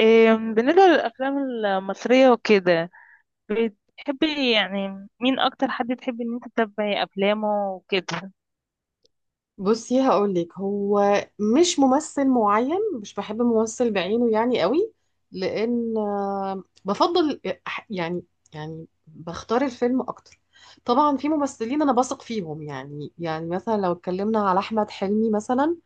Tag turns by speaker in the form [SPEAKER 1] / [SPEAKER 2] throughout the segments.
[SPEAKER 1] بالنسبة للأفلام المصرية وكده، بتحبي يعني مين أكتر حد تحبي إن أنت تتابعي أفلامه وكده؟
[SPEAKER 2] بصي هقولك. هو مش ممثل معين، مش بحب ممثل بعينه يعني قوي، لان بفضل أح- يعني بختار الفيلم اكتر. طبعا في ممثلين انا بثق فيهم، يعني مثلا لو اتكلمنا على احمد حلمي مثلا.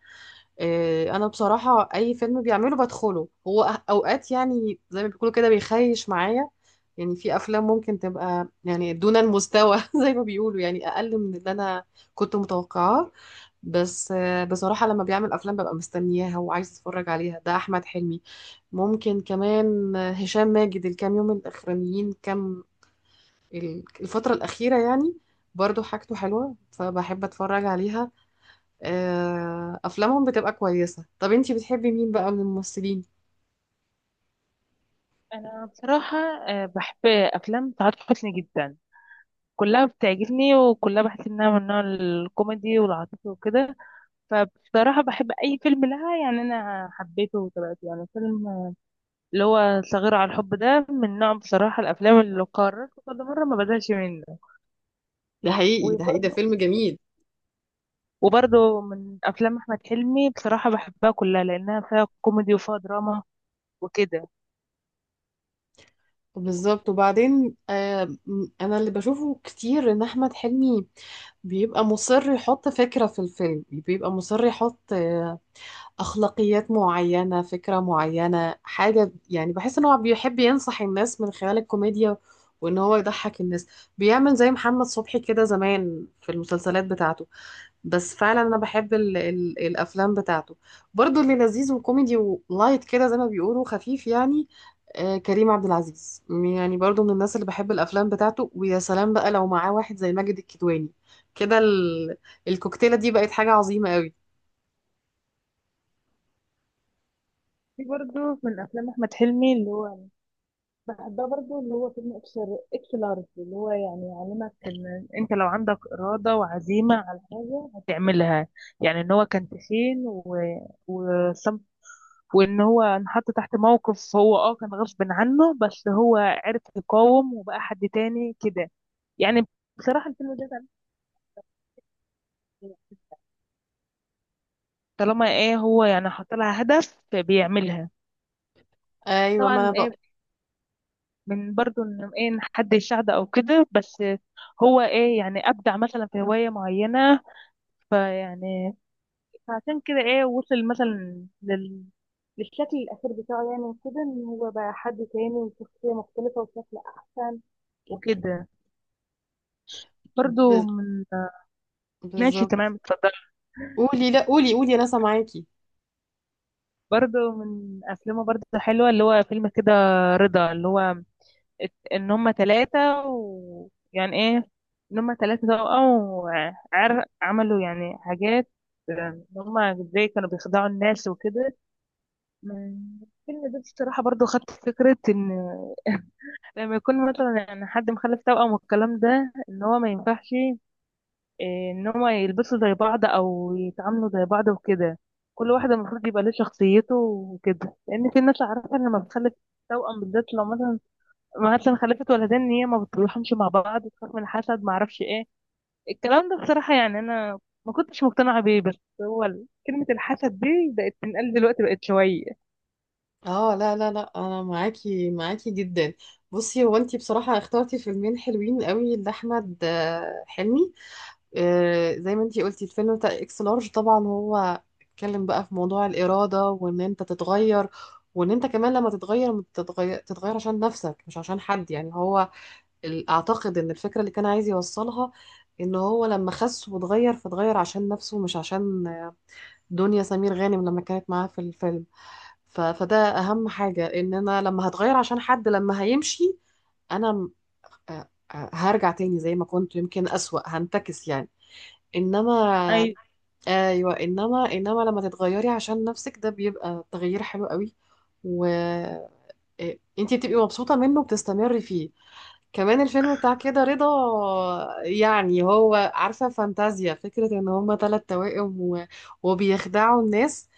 [SPEAKER 2] انا بصراحة اي فيلم بيعمله بدخله هو. اوقات يعني زي ما بيقولوا كده بيخيش معايا. يعني في افلام ممكن تبقى يعني دون المستوى زي ما بيقولوا يعني اقل من اللي انا كنت متوقعاه. بس بصراحة لما بيعمل أفلام ببقى مستنياها وعايز أتفرج عليها. ده أحمد حلمي. ممكن كمان هشام ماجد الكام يوم الأخرانيين كام، الفترة الأخيرة يعني، برضو حاجته حلوة فبحب أتفرج عليها. أفلامهم بتبقى كويسة. طب أنتي بتحبي مين بقى من الممثلين؟
[SPEAKER 1] أنا بصراحة بحب أفلام سعاد حسني جدا. كلها بتعجبني وكلها بحس إنها من نوع الكوميدي والعاطفي وكده. فبصراحة بحب أي فيلم لها، يعني أنا حبيته وتابعته، يعني فيلم اللي هو صغير على الحب ده، من نوع بصراحة الأفلام اللي قررت كل مرة ما بزهقش منه.
[SPEAKER 2] ده حقيقي، ده حقيقي، ده فيلم جميل.
[SPEAKER 1] وبرضه من افلام احمد حلمي بصراحه بحبها كلها، لانها فيها كوميدي وفيها دراما وكده.
[SPEAKER 2] بالظبط. وبعدين أنا اللي بشوفه كتير إن أحمد حلمي بيبقى مصر يحط فكرة في الفيلم، بيبقى مصر يحط أخلاقيات معينة، فكرة معينة، حاجة. يعني بحس إن هو بيحب ينصح الناس من خلال الكوميديا وإن هو يضحك الناس. بيعمل زي محمد صبحي كده زمان في المسلسلات بتاعته. بس فعلا أنا بحب ال الأفلام بتاعته، برضو اللي لذيذ وكوميدي ولايت كده زي ما بيقولوا، خفيف يعني. آه، كريم عبد العزيز يعني برضو من الناس اللي بحب الأفلام بتاعته. ويا سلام بقى لو معاه واحد زي ماجد الكدواني كده، الكوكتيلة دي بقت حاجة عظيمة قوي.
[SPEAKER 1] في برضه من افلام احمد حلمي اللي هو بحبها برضه، اللي هو فيلم اكس لارج، اللي هو يعني يعلمك ان انت لو عندك اراده وعزيمه على حاجه هتعملها. يعني ان هو كان تخين وصم... وان هو انحط تحت موقف، هو كان غصب عنه، بس هو عرف يقاوم وبقى حد تاني كده يعني. بصراحه الفيلم ده، طالما ايه هو يعني حاط لها هدف بيعملها.
[SPEAKER 2] ايوه، ما انا
[SPEAKER 1] طبعا ايه، من برضو ان ايه، إن حد يساعده او كده، بس هو ايه يعني ابدع مثلا في هواية معينة، فيعني فعشان كده ايه وصل مثلا للشكل الأخير بتاعه، يعني كده إن هو بقى حد تاني وشخصية مختلفة وشكل أحسن وكده. برضو
[SPEAKER 2] ب...
[SPEAKER 1] من... ماشي،
[SPEAKER 2] بالظبط.
[SPEAKER 1] تمام، اتفضل.
[SPEAKER 2] قولي، لا قولي، قولي، انا سامعاكي.
[SPEAKER 1] برضو من افلامه برضو حلوة، اللي هو فيلم كده رضا، اللي هو ان هم ثلاثة ويعني ايه، ان هم ثلاثة توأم وعر عملوا يعني حاجات. ان هم ازاي كانوا بيخدعوا الناس وكده. من الفيلم ده بصراحة برضو خدت فكرة ان لما يكون مثلا يعني حد مخلف توأم والكلام ده، ان هو ما ينفعش، إيه، ان هم يلبسوا زي بعض او يتعاملوا زي بعض وكده. كل واحدة المفروض يبقى ليه شخصيته وكده، لان في ناس عارفة ان لما بتخلف توأم بالذات، لو مثلا خلفت ولدين، ان هي ما بتصلحهمش مع بعض، بتخاف من الحسد، ما اعرفش ايه الكلام ده. بصراحه يعني انا ما كنتش مقتنعه بيه، بس هو كلمه الحسد دي بقت تنقال دلوقتي، بقت شويه.
[SPEAKER 2] اه لا لا لا، انا معاكي، معاكي جدا. بصي، هو انتي بصراحة اخترتي فيلمين حلوين قوي لاحمد حلمي. زي ما انتي قلتي الفيلم بتاع اكس لارج، طبعا هو اتكلم بقى في موضوع الإرادة، وان انت تتغير، وان انت كمان لما تتغير تتغير عشان نفسك مش عشان حد. يعني هو اعتقد ان الفكرة اللي كان عايز يوصلها ان هو لما خس واتغير فاتغير عشان نفسه مش عشان دنيا سمير غانم لما كانت معاه في الفيلم. فده اهم حاجة. ان انا لما هتغير عشان حد، لما هيمشي انا آه، هرجع تاني زي ما كنت، يمكن اسوأ، هنتكس يعني. انما
[SPEAKER 1] ايوه،
[SPEAKER 2] ايوه، انما لما تتغيري عشان نفسك ده بيبقى تغيير حلو قوي. و انتي بتبقي مبسوطة منه، بتستمري فيه. كمان الفيلم بتاع كده رضا، يعني هو عارفة فانتازيا، فكرة ان هما تلات توائم وبيخدعوا الناس.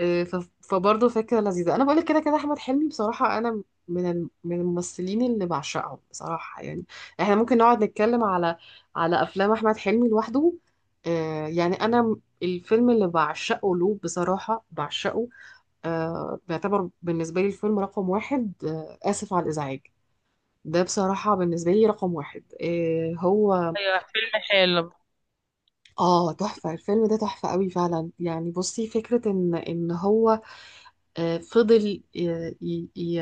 [SPEAKER 2] فبرضه فكرة لذيذة. انا بقولك كده كده احمد حلمي بصراحة انا من من الممثلين اللي بعشقهم بصراحة. يعني احنا ممكن نقعد نتكلم على افلام احمد حلمي لوحده. يعني انا الفيلم اللي بعشقه له بصراحة، بعشقه بيعتبر بالنسبة لي الفيلم رقم واحد. آسف على الإزعاج. ده بصراحة بالنسبة لي رقم واحد. إيه هو؟
[SPEAKER 1] ايوه، فيلم حلو.
[SPEAKER 2] اه تحفة، الفيلم ده تحفة قوي فعلا. يعني بصي، فكرة ان هو فضل آه، ي- ي-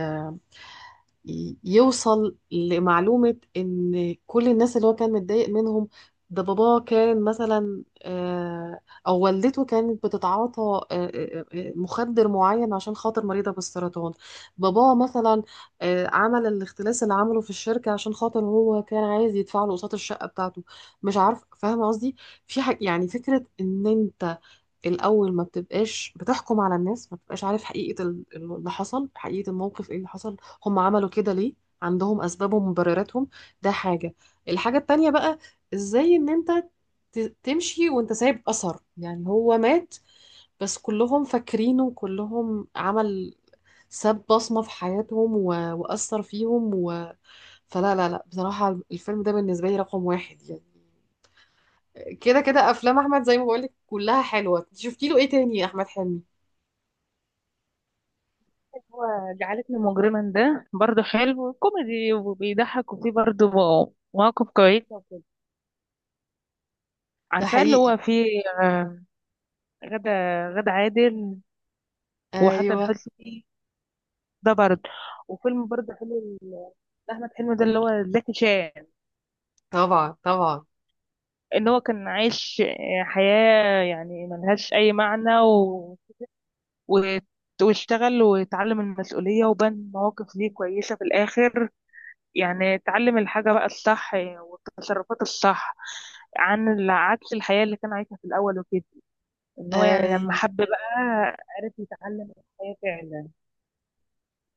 [SPEAKER 2] ي- يوصل لمعلومة إن كل الناس اللي هو كان متضايق منهم، ده باباه كان مثلا، أو والدته كانت بتتعاطى مخدر معين عشان خاطر مريضة بالسرطان، باباه مثلا عمل الاختلاس اللي عمله في الشركة عشان خاطر هو كان عايز يدفع له قسط الشقة بتاعته. مش عارف فاهمة قصدي. في حاجة يعني، فكرة إن أنت الأول ما بتبقاش بتحكم على الناس، ما بتبقاش عارف حقيقة اللي حصل، حقيقة الموقف ايه اللي حصل، هم عملوا كده ليه، عندهم أسبابهم ومبرراتهم. ده حاجة. الحاجة التانية بقى، ازاي ان انت تمشي وانت سايب أثر. يعني هو مات بس كلهم فاكرينه، كلهم عمل، ساب بصمة في حياتهم، و... وأثر فيهم. و... فلا لا لا، بصراحة الفيلم ده بالنسبة لي رقم واحد يعني. كده كده أفلام أحمد زي ما بقولك كلها حلوة. شفتي له ايه تاني يا أحمد حلمي؟
[SPEAKER 1] هو جعلتني مجرما ده برضه حلو، كوميدي وبيضحك وفيه برضه مواقف كويسه وكده.
[SPEAKER 2] ده
[SPEAKER 1] عارفاه اللي
[SPEAKER 2] حقيقي.
[SPEAKER 1] هو فيه غدا غدا عادل وحسن
[SPEAKER 2] ايوه.
[SPEAKER 1] حسني، ده برضه. وفيلم برضه حلو، احمد حلمي ده اللي هو زكي شان.
[SPEAKER 2] طبعا، طبعا.
[SPEAKER 1] ان هو كان عايش حياة يعني ملهاش اي معنى، و... واشتغل واتعلم المسؤولية وبان مواقف ليه كويسة في الاخر. يعني اتعلم الحاجة بقى الصح والتصرفات الصح، عن عكس الحياة اللي كان عايشها في الاول وكده، ان هو يعني لما
[SPEAKER 2] ايوه.
[SPEAKER 1] حب بقى، عرف يتعلم الحياة فعلا.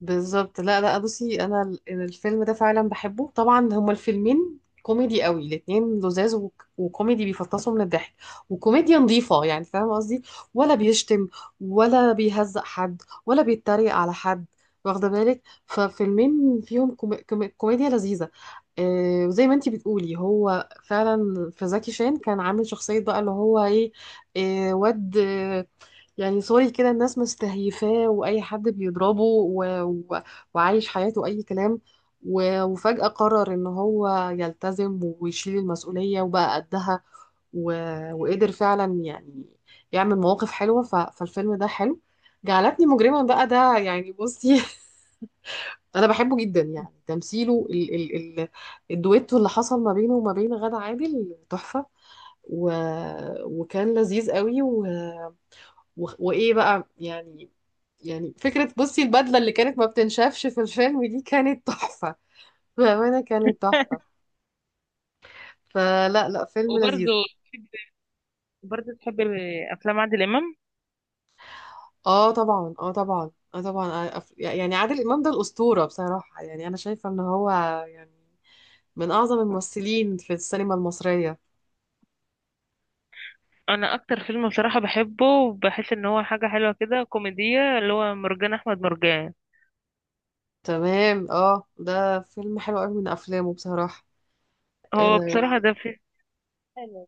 [SPEAKER 2] بالظبط. لا لا، بصي، انا الفيلم ده فعلا بحبه. طبعا هما الفيلمين كوميدي قوي الاتنين، لذاذ وكوميدي، بيفطسوا من الضحك، وكوميديا نظيفة يعني، فاهمة قصدي، ولا بيشتم ولا بيهزق حد ولا بيتريق على حد، واخدة بالك. ففيلمين فيهم كوميديا لذيذة. آه، وزي ما انتي بتقولي هو فعلا في زكي شان كان عامل شخصية بقى اللي هو ايه، إيه، واد يعني سوري كده، الناس مستهيفاه واي حد بيضربه، و... و... وعايش حياته اي كلام، و... وفجأة قرر ان هو يلتزم ويشيل المسؤولية وبقى قدها، و... وقدر فعلا يعني يعمل مواقف حلوة. ف... فالفيلم ده حلو. جعلتني مجرما بقى ده، يعني بصي انا بحبه جدا. يعني تمثيله الدويتو اللي حصل ما بينه وما بين غادة عادل تحفة، و... وكان لذيذ قوي، و... وايه بقى يعني. يعني فكرة بصي البدلة اللي كانت ما بتنشافش في الفيلم دي كانت تحفة، بأمانة كانت تحفة. فلا لا، فيلم لذيذ.
[SPEAKER 1] وبرضه تحب برضه تحب افلام عادل امام؟
[SPEAKER 2] اه طبعا، اه طبعا، اه طبعا. يعني عادل إمام ده الأسطورة بصراحة. يعني أنا شايفة إن هو يعني من أعظم الممثلين في السينما المصرية.
[SPEAKER 1] انا اكتر فيلم بصراحة بحبه وبحس ان هو حاجة حلوة كده كوميدية، اللي هو مرجان احمد مرجان.
[SPEAKER 2] تمام، اه ده فيلم حلو قوي من أفلامه بصراحة.
[SPEAKER 1] هو
[SPEAKER 2] آه،
[SPEAKER 1] بصراحة ده في حلو،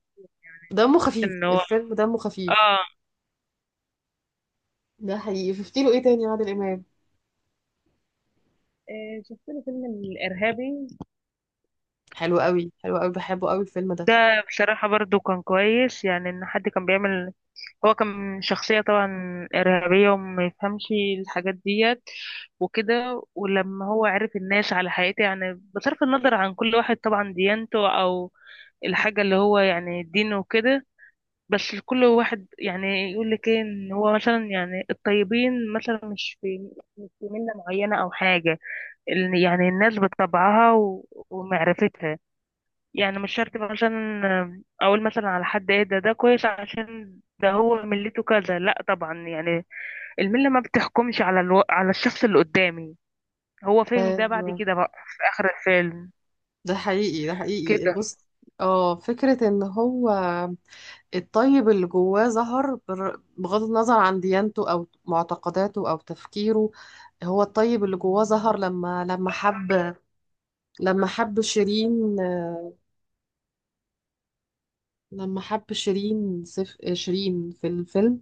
[SPEAKER 2] دمه
[SPEAKER 1] في
[SPEAKER 2] خفيف
[SPEAKER 1] ان هو
[SPEAKER 2] الفيلم، دمه خفيف.
[SPEAKER 1] اه
[SPEAKER 2] ده حقيقي. شفتي له ايه تاني يا عادل إمام؟
[SPEAKER 1] شفت له فيلم الإرهابي.
[SPEAKER 2] حلو قوي، حلو قوي، بحبه قوي الفيلم ده.
[SPEAKER 1] ده بصراحة برضو كان كويس، يعني ان حد كان بيعمل، هو كان شخصية طبعا إرهابية وما يفهمش الحاجات ديت وكده، ولما هو عرف الناس على حقيقته، يعني بصرف النظر عن كل واحد طبعا ديانته أو الحاجة اللي هو يعني دينه وكده. بس كل واحد يعني يقول لك ايه، ان هو مثلا يعني الطيبين مثلا مش في ملة معينة أو حاجة، يعني الناس بطبعها ومعرفتها، يعني مش شرط بقى عشان اقول مثلا على حد ايه، ده كويس عشان ده هو ملته كذا، لا طبعا يعني الملة ما بتحكمش على الشخص اللي قدامي. هو فاهم ده بعد
[SPEAKER 2] ايوه.
[SPEAKER 1] كده بقى في اخر الفيلم
[SPEAKER 2] ده حقيقي، ده حقيقي.
[SPEAKER 1] كده.
[SPEAKER 2] بص، اه فكرة ان هو الطيب اللي جواه ظهر بغض النظر عن ديانته او معتقداته او تفكيره. هو الطيب اللي جواه ظهر لما حب، لما حب شيرين، لما حب شيرين سف آه، شيرين في الفيلم.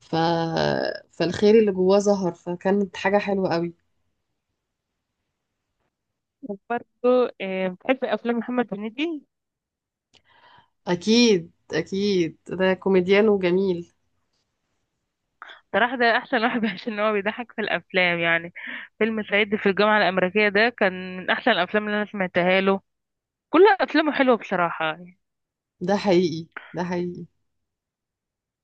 [SPEAKER 2] ف فالخير اللي جواه ظهر، فكانت حاجة حلوة قوي.
[SPEAKER 1] وبرضه بتحب افلام محمد هنيدي؟
[SPEAKER 2] اكيد، اكيد، ده كوميديان وجميل.
[SPEAKER 1] صراحة ده أحسن واحد عشان هو بيضحك في الأفلام يعني. فيلم صعيدي في الجامعة الأمريكية ده كان من أحسن الأفلام اللي أنا سمعتها له. كل أفلامه حلوة بصراحة.
[SPEAKER 2] ده حقيقي، ده حقيقي.